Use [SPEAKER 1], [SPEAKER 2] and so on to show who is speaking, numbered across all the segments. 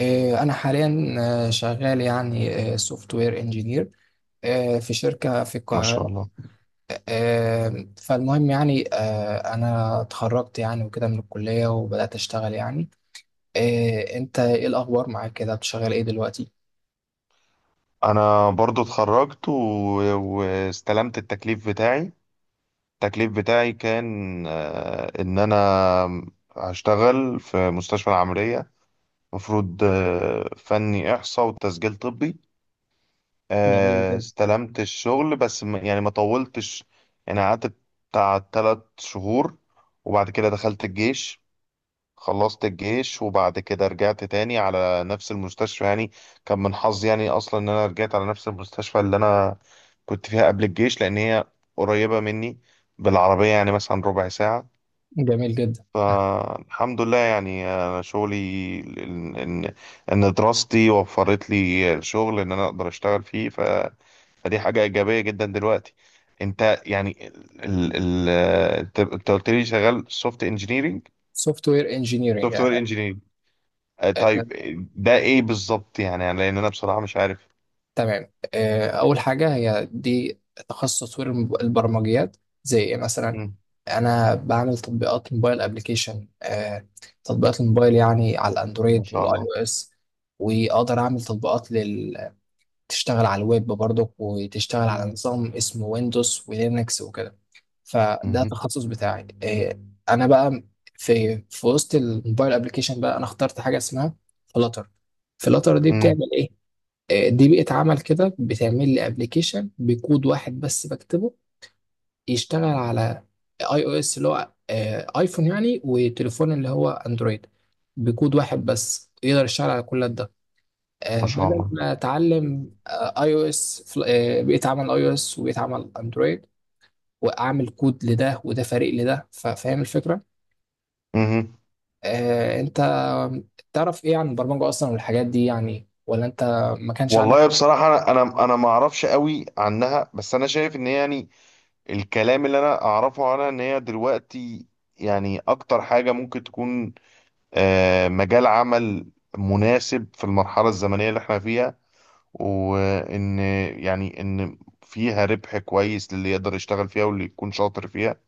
[SPEAKER 1] أنا حاليا شغال يعني سوفت وير انجينير في شركة في
[SPEAKER 2] ما شاء
[SPEAKER 1] القاهرة.
[SPEAKER 2] الله.
[SPEAKER 1] فالمهم يعني أنا اتخرجت يعني وكده من الكلية وبدأت أشتغل يعني. أنت إيه الأخبار معاك كده بتشغل إيه دلوقتي؟
[SPEAKER 2] انا برضو اتخرجت واستلمت التكليف بتاعي. التكليف بتاعي كان ان انا هشتغل في مستشفى العملية. مفروض فني احصاء وتسجيل طبي.
[SPEAKER 1] جميل جدا،
[SPEAKER 2] استلمت الشغل بس يعني ما طولتش. يعني قعدت بتاع 3 شهور، وبعد كده دخلت الجيش. خلصت الجيش وبعد كده رجعت تاني على نفس المستشفى يعني. كان من حظي يعني اصلا ان انا رجعت على نفس المستشفى اللي انا كنت فيها قبل الجيش، لان هي قريبة مني بالعربية، يعني مثلا ربع ساعة.
[SPEAKER 1] جميل جدا.
[SPEAKER 2] فالحمد لله يعني انا شغلي، ان ان إن دراستي وفرت لي شغل ان انا اقدر اشتغل فيه، فدي حاجة ايجابية جدا دلوقتي. انت يعني، ال ال آه، انت أنت قلت لي شغال سوفت انجينيرنج،
[SPEAKER 1] سوفت وير انجينيرنج.
[SPEAKER 2] سوفت وير. طيب، ده ايه بالظبط يعني؟ لان انا بصراحه مش عارف.
[SPEAKER 1] تمام. أول حاجة هي دي تخصص تطوير البرمجيات. زي إيه مثلا؟
[SPEAKER 2] مم.
[SPEAKER 1] أنا بعمل تطبيقات موبايل أبليكيشن. تطبيقات الموبايل يعني على
[SPEAKER 2] ما
[SPEAKER 1] الأندرويد
[SPEAKER 2] شاء
[SPEAKER 1] والآي
[SPEAKER 2] الله.
[SPEAKER 1] أو إس. وأقدر أعمل تطبيقات تشتغل على الويب برضك، وتشتغل على
[SPEAKER 2] مم.
[SPEAKER 1] نظام اسمه ويندوز ولينكس وكده. فده
[SPEAKER 2] مم.
[SPEAKER 1] التخصص بتاعي. أنا بقى في وسط الموبايل أبليكيشن، بقى أنا اخترت حاجة اسمها فلاتر. فلاتر دي
[SPEAKER 2] مم.
[SPEAKER 1] بتعمل إيه؟ دي بيئة عمل كده بتعمل لي ابلكيشن بكود واحد بس بكتبه، يشتغل على اي او اس اللي هو ايفون يعني، وتليفون اللي هو اندرويد. بكود واحد بس يقدر يشتغل على كل ده.
[SPEAKER 2] ما شاء
[SPEAKER 1] بدل
[SPEAKER 2] الله.
[SPEAKER 1] ما اتعلم اي او اس، بيئة عمل اي او اس وبيئة عمل اندرويد، واعمل كود لده وده فريق لده. فاهم الفكرة؟
[SPEAKER 2] مم.
[SPEAKER 1] انت تعرف ايه عن البرمجة اصلا والحاجات دي يعني؟ ولا انت ما كانش عندك؟
[SPEAKER 2] والله بصراحه انا ما اعرفش قوي عنها، بس انا شايف ان هي يعني الكلام اللي انا اعرفه عنها، ان هي دلوقتي يعني اكتر حاجه ممكن تكون مجال عمل مناسب في المرحله الزمنيه اللي احنا فيها، وان يعني ان فيها ربح كويس للي يقدر يشتغل فيها واللي يكون شاطر فيها.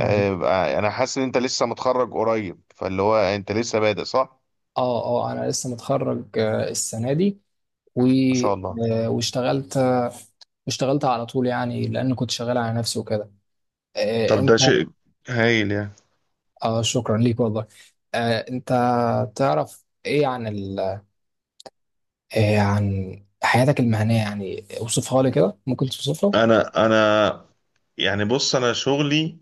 [SPEAKER 2] انا حاسس ان انت لسه متخرج قريب، فاللي هو انت لسه بادئ، صح؟
[SPEAKER 1] اه، انا لسه متخرج السنه دي، و
[SPEAKER 2] ما شاء الله.
[SPEAKER 1] آه، واشتغلت واشتغلت على طول يعني، لان كنت شغال على نفسي وكده. آه،
[SPEAKER 2] طب
[SPEAKER 1] انت
[SPEAKER 2] ده شيء هايل يعني.
[SPEAKER 1] اه، شكرا ليك والله. انت تعرف ايه عن عن حياتك المهنيه؟ يعني اوصفها لي كده، ممكن توصفها؟
[SPEAKER 2] انا يعني بص، انا شغلي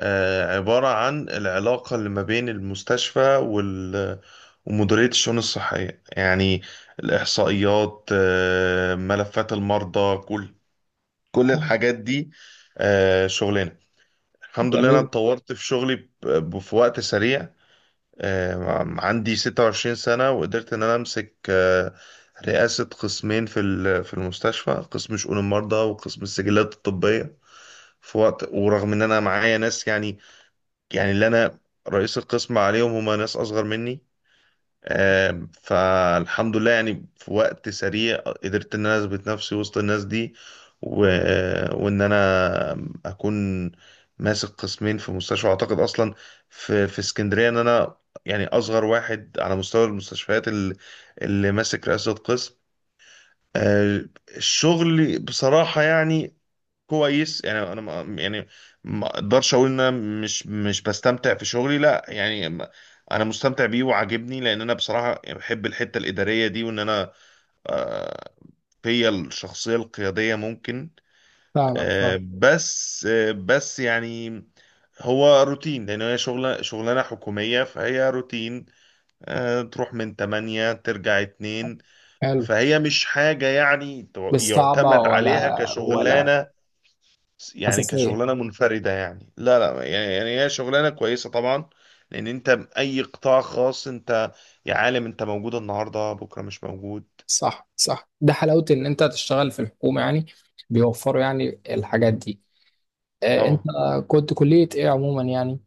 [SPEAKER 2] عبارة عن العلاقة اللي ما بين المستشفى ومديرية الشؤون الصحية يعني، الإحصائيات، ملفات المرضى، كل الحاجات دي. شغلنا، الحمد لله. أنا
[SPEAKER 1] جميل.
[SPEAKER 2] اتطورت في شغلي في وقت سريع. عندي 26 سنة، وقدرت إن أنا أمسك رئاسة قسمين في المستشفى، قسم شؤون المرضى وقسم السجلات الطبية، في وقت. ورغم إن أنا معايا ناس يعني، اللي أنا رئيس القسم عليهم هما ناس أصغر مني. فالحمد لله يعني في وقت سريع قدرت ان انا اثبت نفسي وسط الناس دي، و... وان انا اكون ماسك قسمين في مستشفى. اعتقد اصلا في اسكندريه ان انا يعني اصغر واحد على مستوى المستشفيات اللي ماسك رئاسه قسم. آه، الشغل بصراحه يعني كويس، يعني انا، ما يعني، ما اقدرش اقول ان انا مش بستمتع في شغلي، لا يعني، انا مستمتع بيه وعاجبني، لان انا بصراحه بحب الحته الاداريه دي، وان انا آه، فيا الشخصيه القياديه ممكن.
[SPEAKER 1] فاهمك، فاهم.
[SPEAKER 2] بس يعني، هو روتين، لان هي شغلانه حكوميه فهي روتين. تروح من 8 ترجع 2،
[SPEAKER 1] حلو.
[SPEAKER 2] فهي مش حاجه يعني
[SPEAKER 1] مش صعبه،
[SPEAKER 2] تعتمد
[SPEAKER 1] ولا
[SPEAKER 2] عليها
[SPEAKER 1] ولا
[SPEAKER 2] كشغلانه، يعني
[SPEAKER 1] اساسيه؟
[SPEAKER 2] كشغلانه منفرده. يعني لا لا، يعني هي شغلانه كويسه طبعا. لان انت، اي قطاع خاص انت يا عالم، انت موجود النهارده بكره مش موجود.
[SPEAKER 1] صح، صح. ده حلاوه ان انت تشتغل في الحكومه يعني، بيوفروا يعني الحاجات دي. انت
[SPEAKER 2] طبعا.
[SPEAKER 1] كنت كلية ايه عموما يعني؟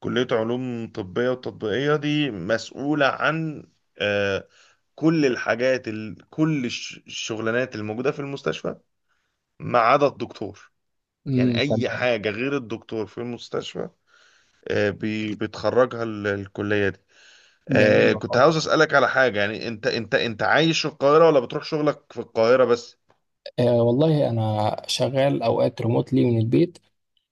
[SPEAKER 2] كليه علوم طبيه وتطبيقيه دي مسؤوله عن آه، كل الحاجات، كل الشغلانات الموجوده في المستشفى ما عدا الدكتور. يعني
[SPEAKER 1] امم،
[SPEAKER 2] اي
[SPEAKER 1] تمام.
[SPEAKER 2] حاجه غير الدكتور في المستشفى بتخرجها الكليه دي.
[SPEAKER 1] جميل
[SPEAKER 2] كنت
[SPEAKER 1] والله.
[SPEAKER 2] عاوز اسالك على حاجه، يعني انت عايش في القاهره، ولا بتروح شغلك في القاهره بس؟
[SPEAKER 1] والله انا شغال اوقات ريموتلي من البيت،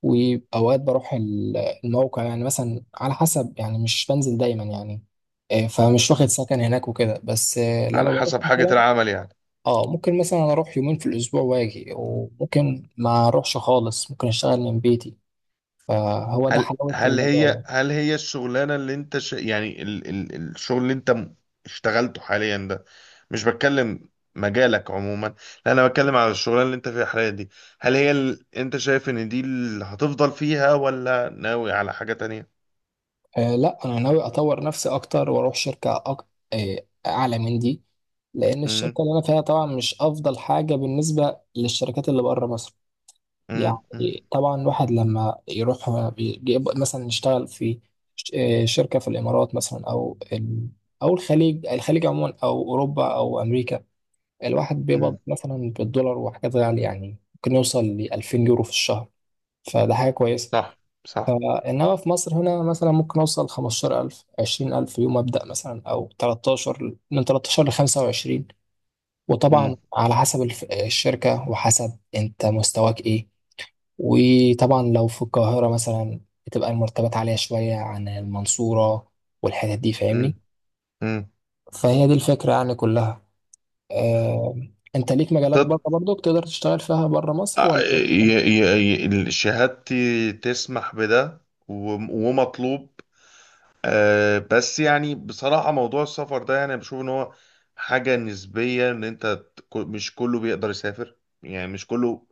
[SPEAKER 1] واوقات بروح الموقع، يعني مثلا على حسب، يعني مش بنزل دايما يعني. فمش واخد
[SPEAKER 2] مم.
[SPEAKER 1] سكن هناك وكده، بس
[SPEAKER 2] على
[SPEAKER 1] لما بروح
[SPEAKER 2] حسب حاجه
[SPEAKER 1] مثلا.
[SPEAKER 2] العمل يعني.
[SPEAKER 1] اه، ممكن مثلا اروح يومين في الاسبوع واجي، وممكن ما اروحش خالص، ممكن اشتغل من بيتي. فهو ده
[SPEAKER 2] هل
[SPEAKER 1] حلاوة
[SPEAKER 2] هل
[SPEAKER 1] المجال
[SPEAKER 2] هي
[SPEAKER 1] يعني.
[SPEAKER 2] هل هي الشغلانه اللي انت، يعني، الشغل اللي انت اشتغلته حاليا ده، مش بتكلم مجالك عموما، لا انا بتكلم على الشغلانه اللي انت فيها حاليا دي، انت شايف ان دي اللي هتفضل فيها ولا ناوي على حاجه تانية؟
[SPEAKER 1] لا، انا ناوي اطور نفسي اكتر واروح شركه أك... آه اعلى من دي. لان
[SPEAKER 2] امم.
[SPEAKER 1] الشركه اللي انا فيها طبعا مش افضل حاجه بالنسبه للشركات اللي بره مصر.
[SPEAKER 2] امم.
[SPEAKER 1] يعني طبعا الواحد لما يروح يبقى مثلا يشتغل في شركه في الامارات مثلا، او الخليج. الخليج عموما، او اوروبا او امريكا. الواحد بيقبض
[SPEAKER 2] امم.
[SPEAKER 1] مثلا بالدولار وحاجات غاليه، يعني ممكن يوصل ل 2000 يورو في الشهر. فده حاجه كويسه.
[SPEAKER 2] صح صح.
[SPEAKER 1] فإنما في مصر هنا مثلا ممكن أوصل 15000، 20000 يوم أبدأ مثلا، أو 13، من 13 ل 25. وطبعا
[SPEAKER 2] امم.
[SPEAKER 1] على حسب الشركة، وحسب أنت مستواك إيه. وطبعا لو في القاهرة مثلا بتبقى المرتبات عالية شوية عن المنصورة والحتت دي، فاهمني.
[SPEAKER 2] امم.
[SPEAKER 1] فهي دي الفكرة يعني كلها. آه، أنت ليك مجالات بره برضك تقدر تشتغل فيها بره مصر ولا؟
[SPEAKER 2] شهادتي تسمح بده، ومطلوب. بس يعني بصراحة موضوع السفر ده، يعني بشوف ان هو حاجة نسبية، ان انت، مش كله بيقدر يسافر، يعني مش كله.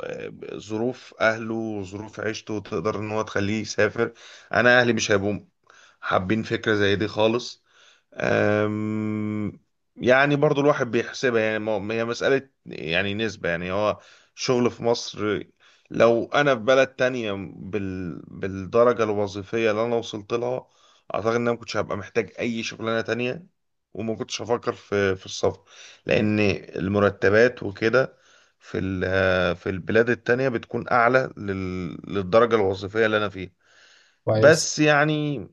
[SPEAKER 2] ظروف اهله وظروف عيشته تقدر ان هو تخليه يسافر. انا اهلي مش هيبقوا حابين فكرة زي دي خالص. أم، يعني برضو الواحد بيحسبها، يعني، هي مسألة يعني نسبة، يعني هو شغل في مصر. لو أنا في بلد تانية بالدرجة الوظيفية اللي أنا وصلت لها، أعتقد إن أنا ما كنتش هبقى محتاج أي شغلانة تانية، وما كنتش هفكر في السفر، لأن المرتبات وكده في البلاد التانية بتكون أعلى للدرجة الوظيفية اللي أنا فيها.
[SPEAKER 1] كويس.
[SPEAKER 2] بس يعني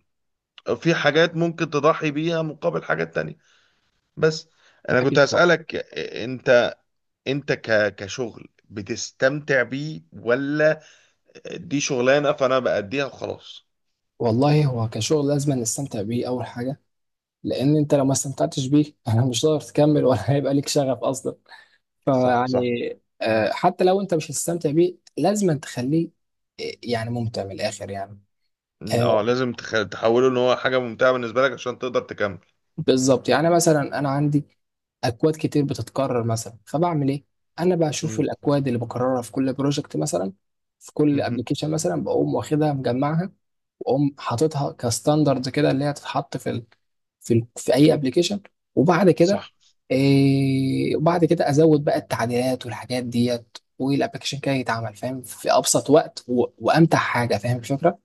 [SPEAKER 2] في حاجات ممكن تضحي بيها مقابل حاجات تانية. بس انا كنت
[SPEAKER 1] أكيد طبعا.
[SPEAKER 2] هسألك، انت انت كشغل بتستمتع بيه، ولا دي شغلانة فانا بأديها وخلاص؟
[SPEAKER 1] والله هو كشغل لازم نستمتع بيه أول حاجة، لان انت لو ما استمتعتش بيه مش هتقدر تكمل، ولا هيبقى ليك شغف اصلا،
[SPEAKER 2] صح
[SPEAKER 1] فيعني.
[SPEAKER 2] صح.
[SPEAKER 1] حتى لو انت مش هتستمتع بيه لازم تخليه يعني ممتع من الاخر يعني.
[SPEAKER 2] اه،
[SPEAKER 1] آه،
[SPEAKER 2] لازم تحوله ان هو حاجة ممتعة بالنسبة لك عشان تقدر تكمل.
[SPEAKER 1] بالظبط. يعني مثلا انا عندي اكواد كتير بتتكرر مثلا، فبعمل ايه؟ انا بشوف
[SPEAKER 2] مم.
[SPEAKER 1] الاكواد اللي بكررها في كل بروجكت مثلا، في كل
[SPEAKER 2] مم.
[SPEAKER 1] ابلكيشن مثلا، بقوم واخدها مجمعها. واقوم حاططها كستاندرد كده، اللي هي تتحط في اي ابلكيشن. وبعد كده
[SPEAKER 2] صح،
[SPEAKER 1] وبعد كده ازود بقى التعديلات والحاجات ديت، والابلكيشن كده يتعمل فاهم في ابسط وقت وامتع حاجه، فاهم الفكره؟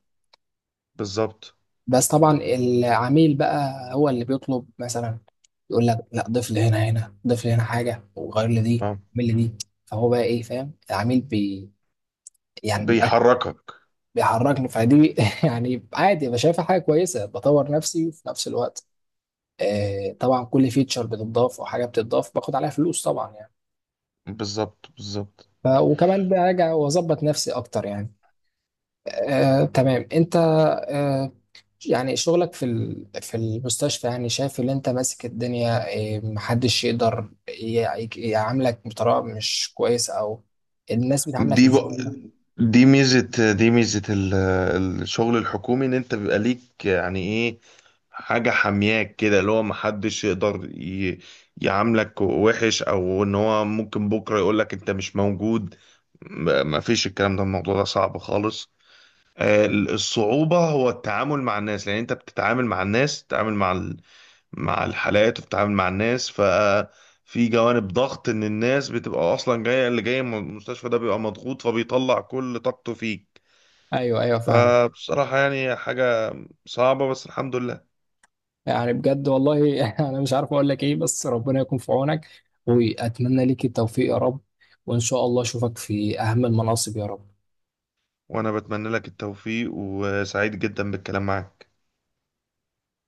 [SPEAKER 2] بالظبط.
[SPEAKER 1] بس طبعا العميل بقى هو اللي بيطلب، مثلا يقول لك لا، ضيف لي هنا، هنا ضيف لي هنا حاجه، وغير لي دي،
[SPEAKER 2] آه.
[SPEAKER 1] اعمل لي دي. فهو بقى ايه، فاهم، العميل بي يعني من الآخر.
[SPEAKER 2] بيحركك.
[SPEAKER 1] بيحركني، فدي يعني عادي، بشايفها حاجه كويسه، بطور نفسي وفي نفس الوقت. طبعا كل فيتشر بتضاف او حاجه بتضاف باخد عليها فلوس طبعا يعني.
[SPEAKER 2] بالظبط بالظبط.
[SPEAKER 1] وكمان براجع واظبط نفسي اكتر يعني. تمام. انت آه، يعني شغلك في في المستشفى، يعني شايف ان انت ماسك الدنيا، محدش يقدر يعاملك بطريقه مش كويسه، او الناس بتعاملك
[SPEAKER 2] دي بق...
[SPEAKER 1] ازاي؟
[SPEAKER 2] دي ميزة الشغل الحكومي، ان انت بيبقى ليك يعني ايه، حاجة حمياك كده، اللي هو محدش يقدر يعاملك وحش، او ان هو ممكن بكرة يقولك انت مش موجود. مفيش الكلام ده، الموضوع ده صعب خالص. الصعوبة هو التعامل مع الناس، لأن أنت بتتعامل مع الناس، بتتعامل مع الحالات، وبتتعامل مع الناس. ففي جوانب ضغط، إن الناس بتبقى أصلا جاية، اللي جاي من المستشفى ده بيبقى مضغوط فبيطلع كل طاقته فيك.
[SPEAKER 1] ايوه، ايوه، فاهم.
[SPEAKER 2] فبصراحة يعني حاجة صعبة، بس الحمد لله.
[SPEAKER 1] يعني بجد والله انا مش عارف اقول لك ايه، بس ربنا يكون في عونك، واتمنى ليك التوفيق يا رب، وان شاء الله اشوفك في اهم المناصب يا رب.
[SPEAKER 2] وأنا بتمنى لك التوفيق، وسعيد جدا بالكلام معاك.